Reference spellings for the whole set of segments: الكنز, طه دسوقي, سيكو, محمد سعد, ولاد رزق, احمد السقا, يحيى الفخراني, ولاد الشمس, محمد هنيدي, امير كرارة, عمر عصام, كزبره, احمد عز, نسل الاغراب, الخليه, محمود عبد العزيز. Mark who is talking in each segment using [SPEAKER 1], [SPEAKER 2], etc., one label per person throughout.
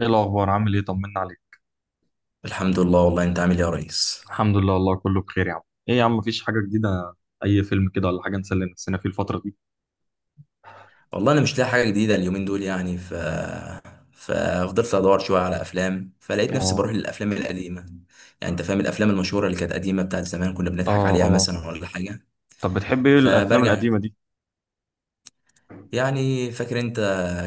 [SPEAKER 1] ايه الاخبار، عامل ايه؟ طمنا عليك.
[SPEAKER 2] الحمد لله والله. انت عامل ايه يا ريس؟
[SPEAKER 1] الحمد لله، والله كله بخير يا عم. ايه يا عم، مفيش حاجه جديده؟ اي فيلم كده ولا حاجه نسلي نفسنا فيه الفتره دي؟
[SPEAKER 2] والله انا مش لاقي حاجه جديده اليومين دول، يعني ففضلت ادور شويه على افلام، فلقيت نفسي
[SPEAKER 1] اه،
[SPEAKER 2] بروح للافلام القديمه. يعني انت فاهم الافلام المشهوره اللي كانت قديمه، بتاعت زمان كنا بنضحك
[SPEAKER 1] اه،
[SPEAKER 2] عليها
[SPEAKER 1] اه.
[SPEAKER 2] مثلا ولا حاجه.
[SPEAKER 1] طب بتحب ايه الافلام
[SPEAKER 2] فبرجع
[SPEAKER 1] القديمه دي؟
[SPEAKER 2] يعني فاكر انت،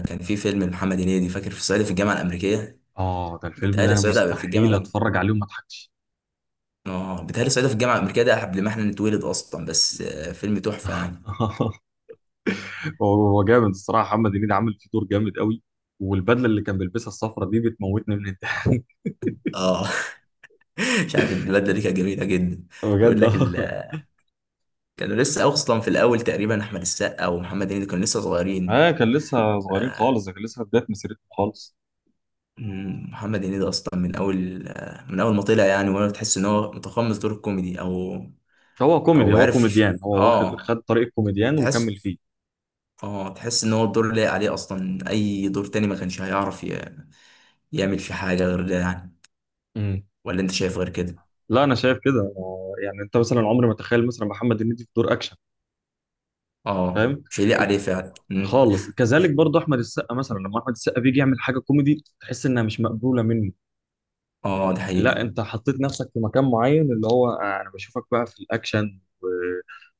[SPEAKER 2] كان في فيلم محمد هنيدي، فاكر؟ في صعيدي في الجامعه الامريكيه.
[SPEAKER 1] اه، ده الفيلم ده
[SPEAKER 2] بيتهيألي
[SPEAKER 1] انا
[SPEAKER 2] صعيدي في الجامعه
[SPEAKER 1] مستحيل
[SPEAKER 2] الأم...
[SPEAKER 1] اتفرج عليه وما اضحكش.
[SPEAKER 2] اه بيتهيألي صعيدي في الجامعه الامريكيه ده قبل ما احنا نتولد اصلا، بس فيلم تحفه يعني.
[SPEAKER 1] هو هو جامد الصراحه، محمد هنيدي عامل فيه دور جامد قوي. والبدله اللي كان بيلبسها الصفرة دي بتموتني من الضحك.
[SPEAKER 2] اه. مش عارف، البلد دي كانت جميله جدا. بيقول
[SPEAKER 1] بجد،
[SPEAKER 2] لك
[SPEAKER 1] اه.
[SPEAKER 2] ال- كانوا لسه اصلا في الاول تقريبا، احمد السقا ومحمد هنيدي كانوا لسه صغيرين.
[SPEAKER 1] آه، كان لسه صغيرين خالص، ده كان لسه في بدايه مسيرته خالص.
[SPEAKER 2] محمد هنيدي اصلا من اول، من اول ما طلع يعني، وانا تحس ان هو متقمص دور الكوميدي او
[SPEAKER 1] هو كوميدي،
[SPEAKER 2] او
[SPEAKER 1] هو
[SPEAKER 2] عارف يش-
[SPEAKER 1] كوميديان، هو واخد
[SPEAKER 2] اه
[SPEAKER 1] خد طريق الكوميديان وكمل
[SPEAKER 2] تحس
[SPEAKER 1] فيه.
[SPEAKER 2] اه تحس ان هو الدور لايق عليه اصلا. اي دور تاني ما كانش هيعرف يعمل فيه حاجه غير ده يعني. ولا انت شايف غير كده؟
[SPEAKER 1] لا، انا شايف كده، يعني انت مثلا عمري ما تخيل مثلا محمد هنيدي في دور اكشن.
[SPEAKER 2] اه،
[SPEAKER 1] فاهم؟
[SPEAKER 2] مش هيليق عليه فعلا. مم.
[SPEAKER 1] خالص، كذلك برضه احمد السقا، مثلا لما احمد السقا بيجي يعمل حاجه كوميدي تحس انها مش مقبوله منه.
[SPEAKER 2] اه، ده
[SPEAKER 1] لا،
[SPEAKER 2] حقيقه.
[SPEAKER 1] انت حطيت نفسك في مكان معين اللي هو انا بشوفك بقى في الاكشن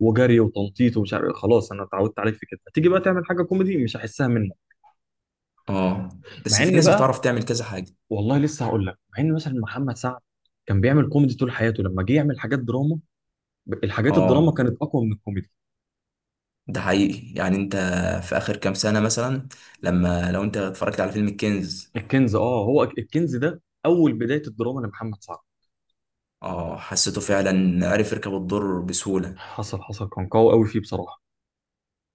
[SPEAKER 1] وجري وتنطيط ومش عارف إيه. خلاص، انا اتعودت عليك في كده، تيجي بقى تعمل حاجه كوميدي مش هحسها منك.
[SPEAKER 2] اه، بس
[SPEAKER 1] مع
[SPEAKER 2] في
[SPEAKER 1] ان
[SPEAKER 2] ناس
[SPEAKER 1] بقى،
[SPEAKER 2] بتعرف تعمل كذا حاجه.
[SPEAKER 1] والله لسه هقول لك. مع ان مثلا محمد سعد كان بيعمل كوميدي طول حياته، لما جه يعمل حاجات دراما، الحاجات الدراما
[SPEAKER 2] اه،
[SPEAKER 1] كانت اقوى من الكوميدي.
[SPEAKER 2] ده حقيقي. يعني انت في اخر كام سنة مثلا، لو انت اتفرجت على فيلم الكنز.
[SPEAKER 1] الكنز، اه. هو الكنز ده اول بدايه الدراما لمحمد سعد.
[SPEAKER 2] اه، حسيته فعلا عرف يركب الدور بسهولة.
[SPEAKER 1] حصل حصل، كان قوي قوي فيه بصراحه.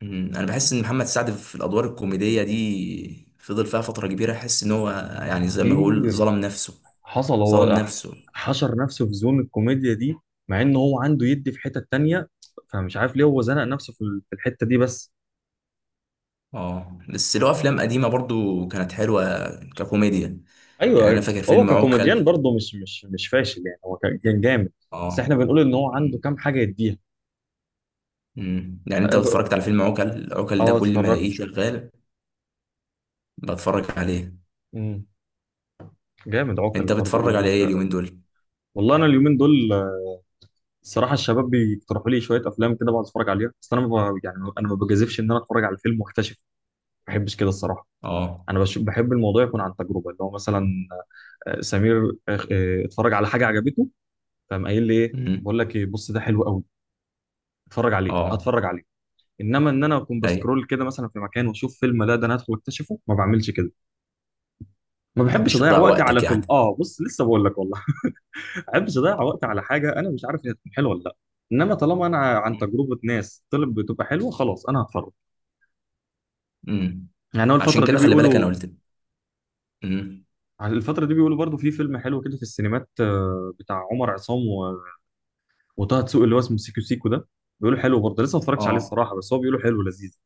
[SPEAKER 2] انا بحس ان محمد سعد في الادوار الكوميدية دي فضل فيها فترة كبيرة. احس ان هو، يعني زي ما بقول،
[SPEAKER 1] كتير.
[SPEAKER 2] ظلم نفسه.
[SPEAKER 1] حصل
[SPEAKER 2] ظلم
[SPEAKER 1] هو
[SPEAKER 2] نفسه.
[SPEAKER 1] حشر نفسه في زون الكوميديا دي، مع ان هو عنده يدي في حته تانية، فمش عارف ليه هو زنق نفسه في الحته دي بس.
[SPEAKER 2] اه، بس له افلام قديمة برضو كانت حلوة ككوميديا. يعني انا
[SPEAKER 1] ايوه،
[SPEAKER 2] فاكر
[SPEAKER 1] هو
[SPEAKER 2] فيلم عوكل.
[SPEAKER 1] ككوميديان برضه مش فاشل، يعني هو كان جامد. بس
[SPEAKER 2] اه.
[SPEAKER 1] احنا بنقول ان هو عنده
[SPEAKER 2] مم،
[SPEAKER 1] كام حاجه يديها.
[SPEAKER 2] مم. يعني انت لو اتفرجت على فيلم عوكل، عوكل ده
[SPEAKER 1] اه،
[SPEAKER 2] كل ما
[SPEAKER 1] اتفرجت.
[SPEAKER 2] الاقيه شغال بتفرج عليه.
[SPEAKER 1] مم. جامد عقل
[SPEAKER 2] انت
[SPEAKER 1] برضه
[SPEAKER 2] بتتفرج على ايه اليومين دول؟
[SPEAKER 1] والله انا اليومين دول الصراحه، الشباب بيقترحوا لي شويه افلام كده بقعد اتفرج عليها، بس انا ما ب- يعني انا ما بجازفش ان انا اتفرج على الفيلم واكتشف. ما بحبش كده الصراحه.
[SPEAKER 2] اه.
[SPEAKER 1] انا بحب الموضوع يكون عن تجربه، اللي هو مثلا سمير اتفرج على حاجه عجبته، فقام قايل لي: ايه،
[SPEAKER 2] امم.
[SPEAKER 1] بقول لك ايه، بص ده حلو قوي، اتفرج عليه،
[SPEAKER 2] اه.
[SPEAKER 1] هتفرج عليه. انما ان انا اكون
[SPEAKER 2] ايوه. ما
[SPEAKER 1] بسكرول كده مثلا في مكان واشوف فيلم، لا ده انا هدخل اكتشفه، ما بعملش كده. ما بحبش
[SPEAKER 2] تحبش
[SPEAKER 1] اضيع
[SPEAKER 2] تضيع
[SPEAKER 1] وقتي
[SPEAKER 2] وقتك
[SPEAKER 1] على فيلم.
[SPEAKER 2] يعني.
[SPEAKER 1] اه، بص لسه بقول لك والله. ما بحبش اضيع وقتي على حاجه انا مش عارف هي هتكون حلوه ولا لا. انما طالما انا عن تجربه ناس طلب بتبقى حلوه، خلاص انا هتفرج.
[SPEAKER 2] امم.
[SPEAKER 1] يعني هو
[SPEAKER 2] عشان
[SPEAKER 1] الفترة دي
[SPEAKER 2] كده خلي بالك انا
[SPEAKER 1] بيقولوا.
[SPEAKER 2] قلت. امم.
[SPEAKER 1] الفترة دي بيقولوا برضو في فيلم حلو كده في السينمات، بتاع عمر عصام وطه دسوقي، اللي هو اسمه سيكو سيكو ده، بيقولوا حلو برضه. لسه ما اتفرجتش عليه
[SPEAKER 2] اه.
[SPEAKER 1] الصراحة، بس هو بيقولوا حلو لذيذ.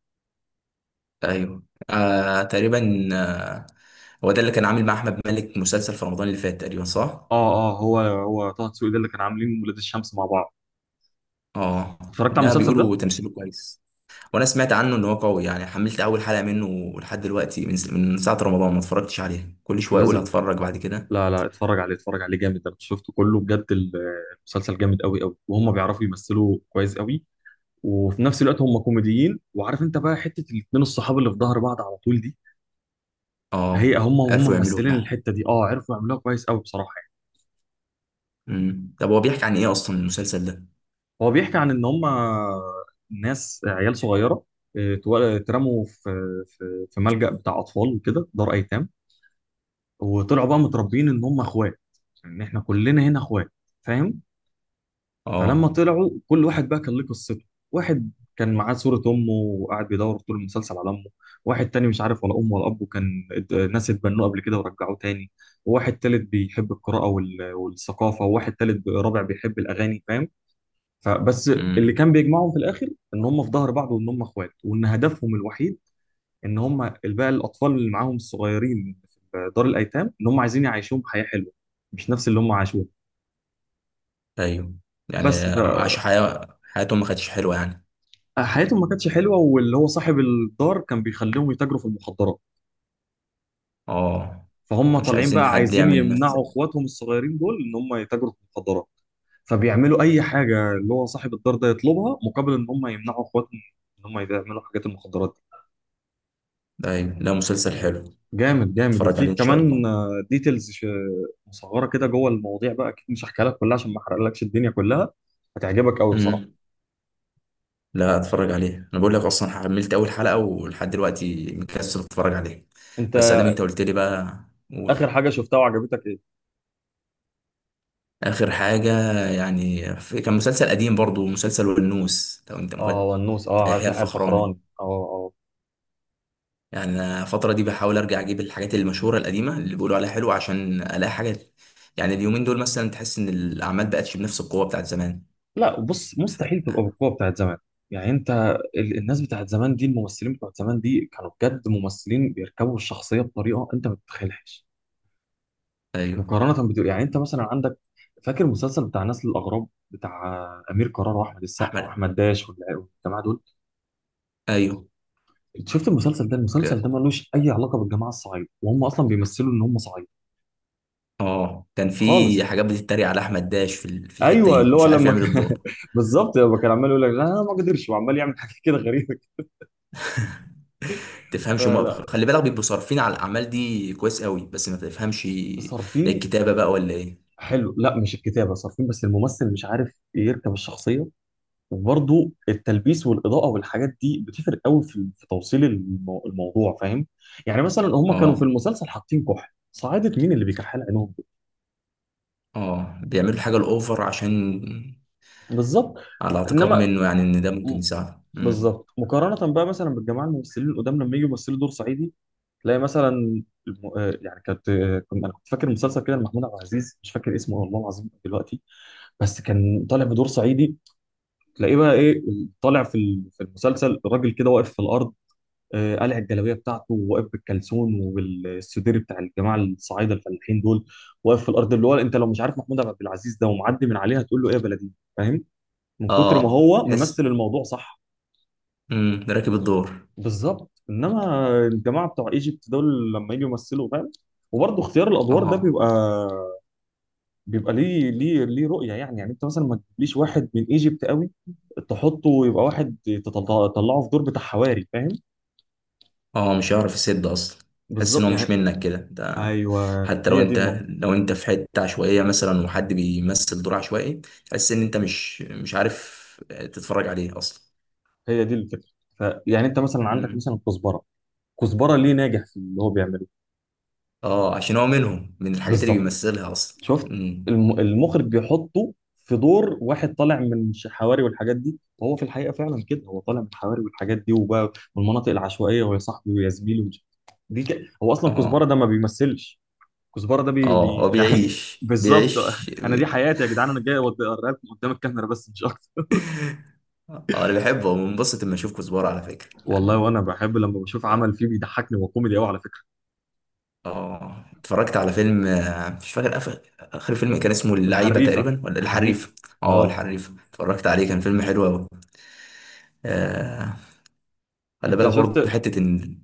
[SPEAKER 2] ايوه. آه تقريبا. هو ده اللي كان عامل مع احمد مالك مسلسل في رمضان اللي فات تقريبا، صح؟
[SPEAKER 1] اه، اه، هو هو طه دسوقي ده اللي كان عاملين ولاد الشمس مع بعض.
[SPEAKER 2] اه،
[SPEAKER 1] اتفرجت على
[SPEAKER 2] ده
[SPEAKER 1] المسلسل ده؟
[SPEAKER 2] بيقولوا تمثيله كويس. وانا سمعت عنه ان هو قوي يعني. حملت اول حلقة منه، لحد دلوقتي من ساعة رمضان ما اتفرجتش عليها. كل شوية اقول
[SPEAKER 1] لازم.
[SPEAKER 2] هتفرج بعد كده.
[SPEAKER 1] لا، لا، اتفرج عليه، اتفرج عليه جامد، ده شفته كله بجد المسلسل جامد قوي قوي، وهم بيعرفوا يمثلوا كويس قوي. وفي نفس الوقت هم كوميديين، وعارف انت بقى حتة الاتنين الصحاب اللي في ظهر بعض على طول دي، هي
[SPEAKER 2] اه،
[SPEAKER 1] هم
[SPEAKER 2] عرفوا يعملوها
[SPEAKER 1] ممثلين
[SPEAKER 2] يعني.
[SPEAKER 1] الحته دي، اه عرفوا يعملوها كويس قوي بصراحه يعني.
[SPEAKER 2] امم، طب هو بيحكي عن ايه اصلا المسلسل ده؟
[SPEAKER 1] هو بيحكي عن ان هم ناس عيال صغيره، اترموا في ملجأ بتاع اطفال وكده، دار ايتام. وطلعوا بقى متربيين ان هم اخوات، ان احنا كلنا هنا اخوات. فاهم؟ فلما
[SPEAKER 2] اه.
[SPEAKER 1] طلعوا كل واحد بقى كان ليه قصته. واحد كان معاه صورة أمه وقاعد بيدور طول المسلسل على أمه. واحد تاني مش عارف ولا أمه ولا أبوه، كان ناس اتبنوه قبل كده ورجعوه تاني. وواحد تالت بيحب القراءة والثقافة، وواحد رابع بيحب الأغاني، فاهم؟ فبس، اللي
[SPEAKER 2] امم.
[SPEAKER 1] كان بيجمعهم في الآخر إن هم في ظهر بعض، وإن هم إخوات، وإن هدفهم الوحيد إن هم بقى الأطفال اللي معاهم الصغيرين في دار الأيتام، إن هم عايزين يعيشوهم حياة حلوة، مش نفس اللي هم عاشوه.
[SPEAKER 2] ايوه. يعني
[SPEAKER 1] بس
[SPEAKER 2] عاشوا حياتهم ما كانتش حلوة يعني.
[SPEAKER 1] حياتهم ما كانتش حلوه، واللي هو صاحب الدار كان بيخليهم يتاجروا في المخدرات.
[SPEAKER 2] اه،
[SPEAKER 1] فهم
[SPEAKER 2] مش
[SPEAKER 1] طالعين
[SPEAKER 2] عايزين
[SPEAKER 1] بقى
[SPEAKER 2] حد
[SPEAKER 1] عايزين
[SPEAKER 2] يعمل نفس
[SPEAKER 1] يمنعوا
[SPEAKER 2] ال-.
[SPEAKER 1] اخواتهم الصغيرين دول ان هم يتاجروا في المخدرات. فبيعملوا اي حاجه اللي هو صاحب الدار ده يطلبها، مقابل ان هم يمنعوا اخواتهم ان هم يعملوا حاجات المخدرات دي.
[SPEAKER 2] ايوه، لا، مسلسل حلو.
[SPEAKER 1] جامد جامد،
[SPEAKER 2] اتفرج
[SPEAKER 1] وفي
[SPEAKER 2] عليه ان شاء
[SPEAKER 1] كمان
[SPEAKER 2] الله.
[SPEAKER 1] ديتيلز مصغره كده جوه المواضيع، بقى اكيد مش هحكيها لك كلها عشان ما احرقلكش الدنيا كلها. هتعجبك قوي
[SPEAKER 2] امم،
[SPEAKER 1] بصراحه.
[SPEAKER 2] لا، اتفرج عليه. انا بقول لك اصلا حملت اول حلقة، ولحد دلوقتي مكسل اتفرج عليه.
[SPEAKER 1] انت،
[SPEAKER 2] بس ادام انت قلت لي بقى. قول.
[SPEAKER 1] اخر حاجه شفتها وعجبتك ايه؟
[SPEAKER 2] اخر حاجة يعني، كان مسلسل قديم برضو، مسلسل والنوس لو انت
[SPEAKER 1] اه،
[SPEAKER 2] مخد.
[SPEAKER 1] ونوس، اه،
[SPEAKER 2] بتاع
[SPEAKER 1] عارف،
[SPEAKER 2] يحيى
[SPEAKER 1] يحيى
[SPEAKER 2] الفخراني.
[SPEAKER 1] الفخراني، اه، اه.
[SPEAKER 2] يعني أنا الفترة دي بحاول أرجع أجيب الحاجات المشهورة القديمة اللي بيقولوا عليها حلوة، عشان ألاقي حاجات. يعني اليومين دول مثلا تحس إن الأعمال بقتش بنفس القوة بتاعت زمان.
[SPEAKER 1] لا، بص،
[SPEAKER 2] ف...
[SPEAKER 1] مستحيل تبقى بالقوه بتاعت زمان. يعني انت الناس بتاعت زمان دي، الممثلين بتوع زمان دي كانوا بجد ممثلين بيركبوا الشخصيه بطريقه انت ما تتخيلهاش.
[SPEAKER 2] أيوه.
[SPEAKER 1] مقارنه يعني انت مثلا عندك، فاكر المسلسل بتاع نسل الاغراب، بتاع امير كرارة واحمد السقا
[SPEAKER 2] أحمد.
[SPEAKER 1] واحمد داش والجماعه دول؟
[SPEAKER 2] أيوه.
[SPEAKER 1] انت شفت المسلسل ده؟ المسلسل ده
[SPEAKER 2] ك...
[SPEAKER 1] ملوش اي علاقه بالجماعه الصعيد، وهم اصلا بيمثلوا ان هم صعيد.
[SPEAKER 2] آه كان في
[SPEAKER 1] خالص.
[SPEAKER 2] حاجات بتتريق على أحمد داش في في الحتة
[SPEAKER 1] ايوه،
[SPEAKER 2] دي،
[SPEAKER 1] اللي هو
[SPEAKER 2] مش عارف
[SPEAKER 1] لما
[SPEAKER 2] يعمل
[SPEAKER 1] كان
[SPEAKER 2] الدور.
[SPEAKER 1] بالظبط، لما كان عمال يقول لك لا أنا ما اقدرش، وعمال يعمل حاجه كده غريبه.
[SPEAKER 2] تفهمش، هما
[SPEAKER 1] فلا،
[SPEAKER 2] خلي بالك بيبقوا صارفين على الأعمال دي كويس قوي، بس ما تفهمش
[SPEAKER 1] صارفين.
[SPEAKER 2] الكتابة بقى ولا إيه؟
[SPEAKER 1] حلو. لا، مش الكتابه، صارفين، بس الممثل مش عارف يركب الشخصيه. وبرضه التلبيس والاضاءه والحاجات دي بتفرق قوي في توصيل الموضوع، فاهم؟ يعني مثلا هم كانوا في
[SPEAKER 2] آه
[SPEAKER 1] المسلسل حاطين كحل. صعيدة مين اللي بيكحل عينهم دول؟
[SPEAKER 2] بيعملوا الحاجة الأوفر، عشان
[SPEAKER 1] بالظبط.
[SPEAKER 2] على اعتقاد
[SPEAKER 1] انما
[SPEAKER 2] منه يعني إن ده
[SPEAKER 1] م-
[SPEAKER 2] ممكن يساعده.
[SPEAKER 1] بالظبط، مقارنه بقى مثلا بالجماعه الممثلين القدام لما يجوا يمثلوا دور صعيدي، تلاقي مثلا يعني انا كنت فاكر مسلسل كده لمحمود عبد العزيز، مش فاكر اسمه والله العظيم دلوقتي، بس كان طالع بدور صعيدي. تلاقيه بقى ايه؟ طالع في المسلسل، الراجل كده واقف في الارض، قلع الجلابيه بتاعته، وواقف بالكلسون وبالسدير بتاع الجماعه الصعايده الفلاحين دول، واقف في الارض، اللي هو انت لو مش عارف محمود عبد العزيز ده ومعدي من عليها تقول له ايه يا بلدي. فاهم؟ من كتر ما
[SPEAKER 2] اه
[SPEAKER 1] هو
[SPEAKER 2] تحس.
[SPEAKER 1] ممثل، الموضوع صح.
[SPEAKER 2] امم، راكب الدور.
[SPEAKER 1] بالظبط، انما الجماعه بتوع ايجيبت دول لما يجوا يمثلوا، فاهم؟ وبرضه اختيار الادوار ده
[SPEAKER 2] اه،
[SPEAKER 1] بيبقى ليه رؤيه، يعني انت مثلا ما تجيبليش واحد من ايجيبت قوي، تحطه يبقى واحد، تطلعه في دور بتاع حواري، فاهم؟
[SPEAKER 2] اه، مش هيعرف يسد اصلا. تحس ان
[SPEAKER 1] بالظبط
[SPEAKER 2] هو مش
[SPEAKER 1] يعني.
[SPEAKER 2] منك كده انت.
[SPEAKER 1] ايوه،
[SPEAKER 2] حتى لو
[SPEAKER 1] هي دي
[SPEAKER 2] انت
[SPEAKER 1] النقطه،
[SPEAKER 2] لو انت في حته عشوائيه مثلا، وحد بيمثل دور عشوائي، تحس ان انت مش عارف تتفرج عليه اصلا.
[SPEAKER 1] هي دي الفكره. يعني انت مثلا عندك
[SPEAKER 2] امم،
[SPEAKER 1] مثلا كزبره. كزبره ليه ناجح في اللي هو بيعمله؟
[SPEAKER 2] اه، عشان هو منهم، من الحاجات اللي
[SPEAKER 1] بالظبط.
[SPEAKER 2] بيمثلها اصلا.
[SPEAKER 1] شفت،
[SPEAKER 2] امم.
[SPEAKER 1] المخرج بيحطه في دور واحد طالع من حواري والحاجات دي، وهو في الحقيقه فعلا كده، هو طالع من حواري والحاجات دي وبقى، والمناطق العشوائيه، ويا صاحبي، ويا زميلي، دي هو اصلا كزبره ده
[SPEAKER 2] اه،
[SPEAKER 1] ما بيمثلش، كزبره ده
[SPEAKER 2] اه، هو
[SPEAKER 1] يعني
[SPEAKER 2] بيعيش،
[SPEAKER 1] بالظبط.
[SPEAKER 2] بيعيش
[SPEAKER 1] انا دي
[SPEAKER 2] بي...
[SPEAKER 1] حياتي يا جدعان، انا جاي اوريها لكم قدام الكاميرا بس، مش اكتر.
[SPEAKER 2] اه، انا بحبه وبنبسط لما اشوف كزبره على فكره
[SPEAKER 1] والله
[SPEAKER 2] يعني.
[SPEAKER 1] وانا بحب لما بشوف عمل فيه بيضحكني وكوميدي قوي على فكره.
[SPEAKER 2] اه، اتفرجت على فيلم، مش فاكر، آخر فيلم كان اسمه اللعيبة
[SPEAKER 1] الحريفه،
[SPEAKER 2] تقريبا ولا
[SPEAKER 1] الحريفه.
[SPEAKER 2] الحريف. اه،
[SPEAKER 1] اه.
[SPEAKER 2] الحريف، اتفرجت عليه، كان فيلم حلو أوي. آه خلي
[SPEAKER 1] انت
[SPEAKER 2] بالك برضه
[SPEAKER 1] شفت،
[SPEAKER 2] حتة إن.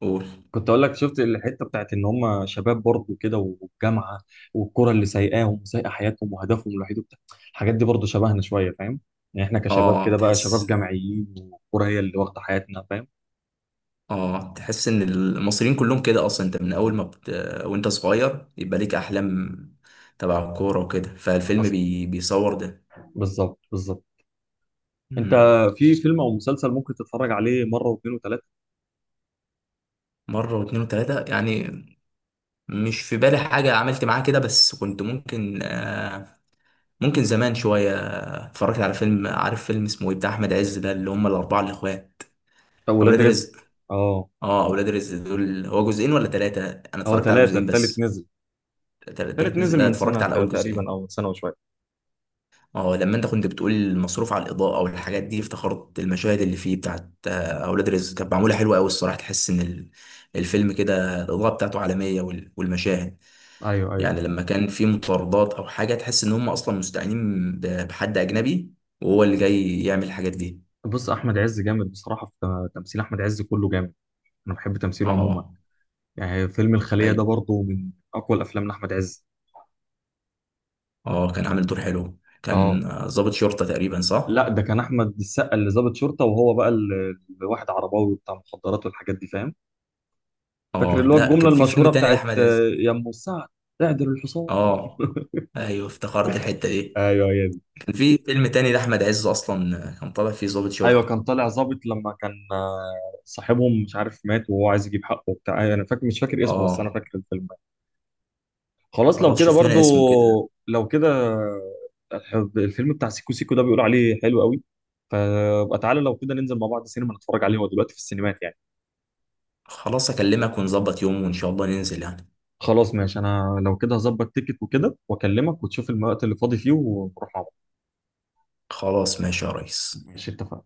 [SPEAKER 2] قول.
[SPEAKER 1] كنت اقول لك، شفت الحته بتاعت ان هم شباب برضه كده والجامعه والكره اللي سايقاهم وسايقه حياتهم وهدفهم الوحيد وبتاع، الحاجات دي برضه شبهنا شويه، فاهم؟ يعني احنا كشباب
[SPEAKER 2] اه
[SPEAKER 1] كده بقى، شباب
[SPEAKER 2] تحس.
[SPEAKER 1] جامعيين، والكره هي اللي واخده حياتنا، فاهم؟
[SPEAKER 2] اه، تحس إن المصريين كلهم كده أصلا. أنت من أول ما وأنت صغير يبقى ليك أحلام تبع الكورة وكده، فالفيلم
[SPEAKER 1] حصل،
[SPEAKER 2] بيصور ده.
[SPEAKER 1] بالظبط بالظبط. انت
[SPEAKER 2] مم.
[SPEAKER 1] في فيلم او مسلسل ممكن تتفرج عليه مره واثنين وثلاثه؟
[SPEAKER 2] مرة واتنين وتلاتة يعني. مش في بالي حاجة عملت معاه كده، بس كنت ممكن زمان شوية. اتفرجت على فيلم، عارف فيلم اسمه ايه بتاع أحمد عز ده، اللي هم الأربعة الإخوات؟
[SPEAKER 1] طب، ولاد
[SPEAKER 2] أولاد
[SPEAKER 1] رزق.
[SPEAKER 2] رزق.
[SPEAKER 1] اه،
[SPEAKER 2] اه، أولاد رزق دول هو جزئين ولا تلاتة؟ أنا
[SPEAKER 1] هو
[SPEAKER 2] اتفرجت على
[SPEAKER 1] ثلاثه،
[SPEAKER 2] جزئين
[SPEAKER 1] الثالث
[SPEAKER 2] بس.
[SPEAKER 1] نزل. الثالث
[SPEAKER 2] تالت نزل.
[SPEAKER 1] نزل
[SPEAKER 2] لا،
[SPEAKER 1] من
[SPEAKER 2] اتفرجت
[SPEAKER 1] سنه
[SPEAKER 2] على أول
[SPEAKER 1] تقريبا،
[SPEAKER 2] جزئين.
[SPEAKER 1] او من سنه وشويه.
[SPEAKER 2] اه، لما أنت كنت بتقول المصروف على الإضاءة والحاجات دي، افتخرت المشاهد اللي فيه بتاعت أولاد رزق كانت معمولة حلوة أوي الصراحة. تحس إن الفيلم كده الإضاءة بتاعته عالمية، والمشاهد،
[SPEAKER 1] ايوه، ايوه.
[SPEAKER 2] يعني لما كان في مطاردات أو حاجة، تحس إن هم أصلا مستعينين بحد أجنبي، وهو اللي جاي يعمل الحاجات دي.
[SPEAKER 1] بص، احمد عز جامد بصراحه، في تمثيل احمد عز كله جامد. انا بحب تمثيله عموما.
[SPEAKER 2] اه.
[SPEAKER 1] يعني فيلم الخليه ده
[SPEAKER 2] ايوه.
[SPEAKER 1] برضه من اقوى الافلام لاحمد عز.
[SPEAKER 2] اه، كان عامل دور حلو،
[SPEAKER 1] اه،
[SPEAKER 2] كان ضابط شرطة تقريبا،
[SPEAKER 1] لا،
[SPEAKER 2] صح؟
[SPEAKER 1] ده كان احمد السقا اللي ضابط شرطه، وهو بقى الواحد عرباوي بتاع مخدرات والحاجات دي، فاهم؟ فاكر
[SPEAKER 2] اه،
[SPEAKER 1] اللي هو
[SPEAKER 2] لا،
[SPEAKER 1] الجمله
[SPEAKER 2] كان في فيلم
[SPEAKER 1] المشهوره
[SPEAKER 2] تاني
[SPEAKER 1] بتاعت
[SPEAKER 2] لأحمد عز.
[SPEAKER 1] يا ام السعد، اعدل الحصان.
[SPEAKER 2] اه، ايوه، افتكرت الحتة دي.
[SPEAKER 1] ايوه، هي دي.
[SPEAKER 2] كان في فيلم تاني لأحمد عز اصلا، كان طالع فيه ضابط
[SPEAKER 1] ايوه،
[SPEAKER 2] شرطة.
[SPEAKER 1] كان طالع ظابط، لما كان صاحبهم مش عارف مات وهو عايز يجيب حقه وبتاع. أيوة، انا فاكر، مش فاكر اسمه بس انا
[SPEAKER 2] اه،
[SPEAKER 1] فاكر الفيلم. خلاص، لو
[SPEAKER 2] خلاص
[SPEAKER 1] كده
[SPEAKER 2] شوف
[SPEAKER 1] برضو،
[SPEAKER 2] لنا اسمه كده.
[SPEAKER 1] لو كده، الفيلم بتاع سيكو سيكو ده بيقول عليه حلو قوي. فبقى تعالى لو كده ننزل مع بعض سينما نتفرج عليه، هو دلوقتي في السينمات يعني.
[SPEAKER 2] خلاص، اكلمك ونظبط يوم، وان شاء الله ننزل يعني.
[SPEAKER 1] خلاص ماشي، انا لو كده هظبط تيكت وكده، واكلمك وتشوف الوقت اللي فاضي فيه ونروح مع بعض.
[SPEAKER 2] خلاص، ماشي يا ريس.
[SPEAKER 1] ماشي، اتفقنا.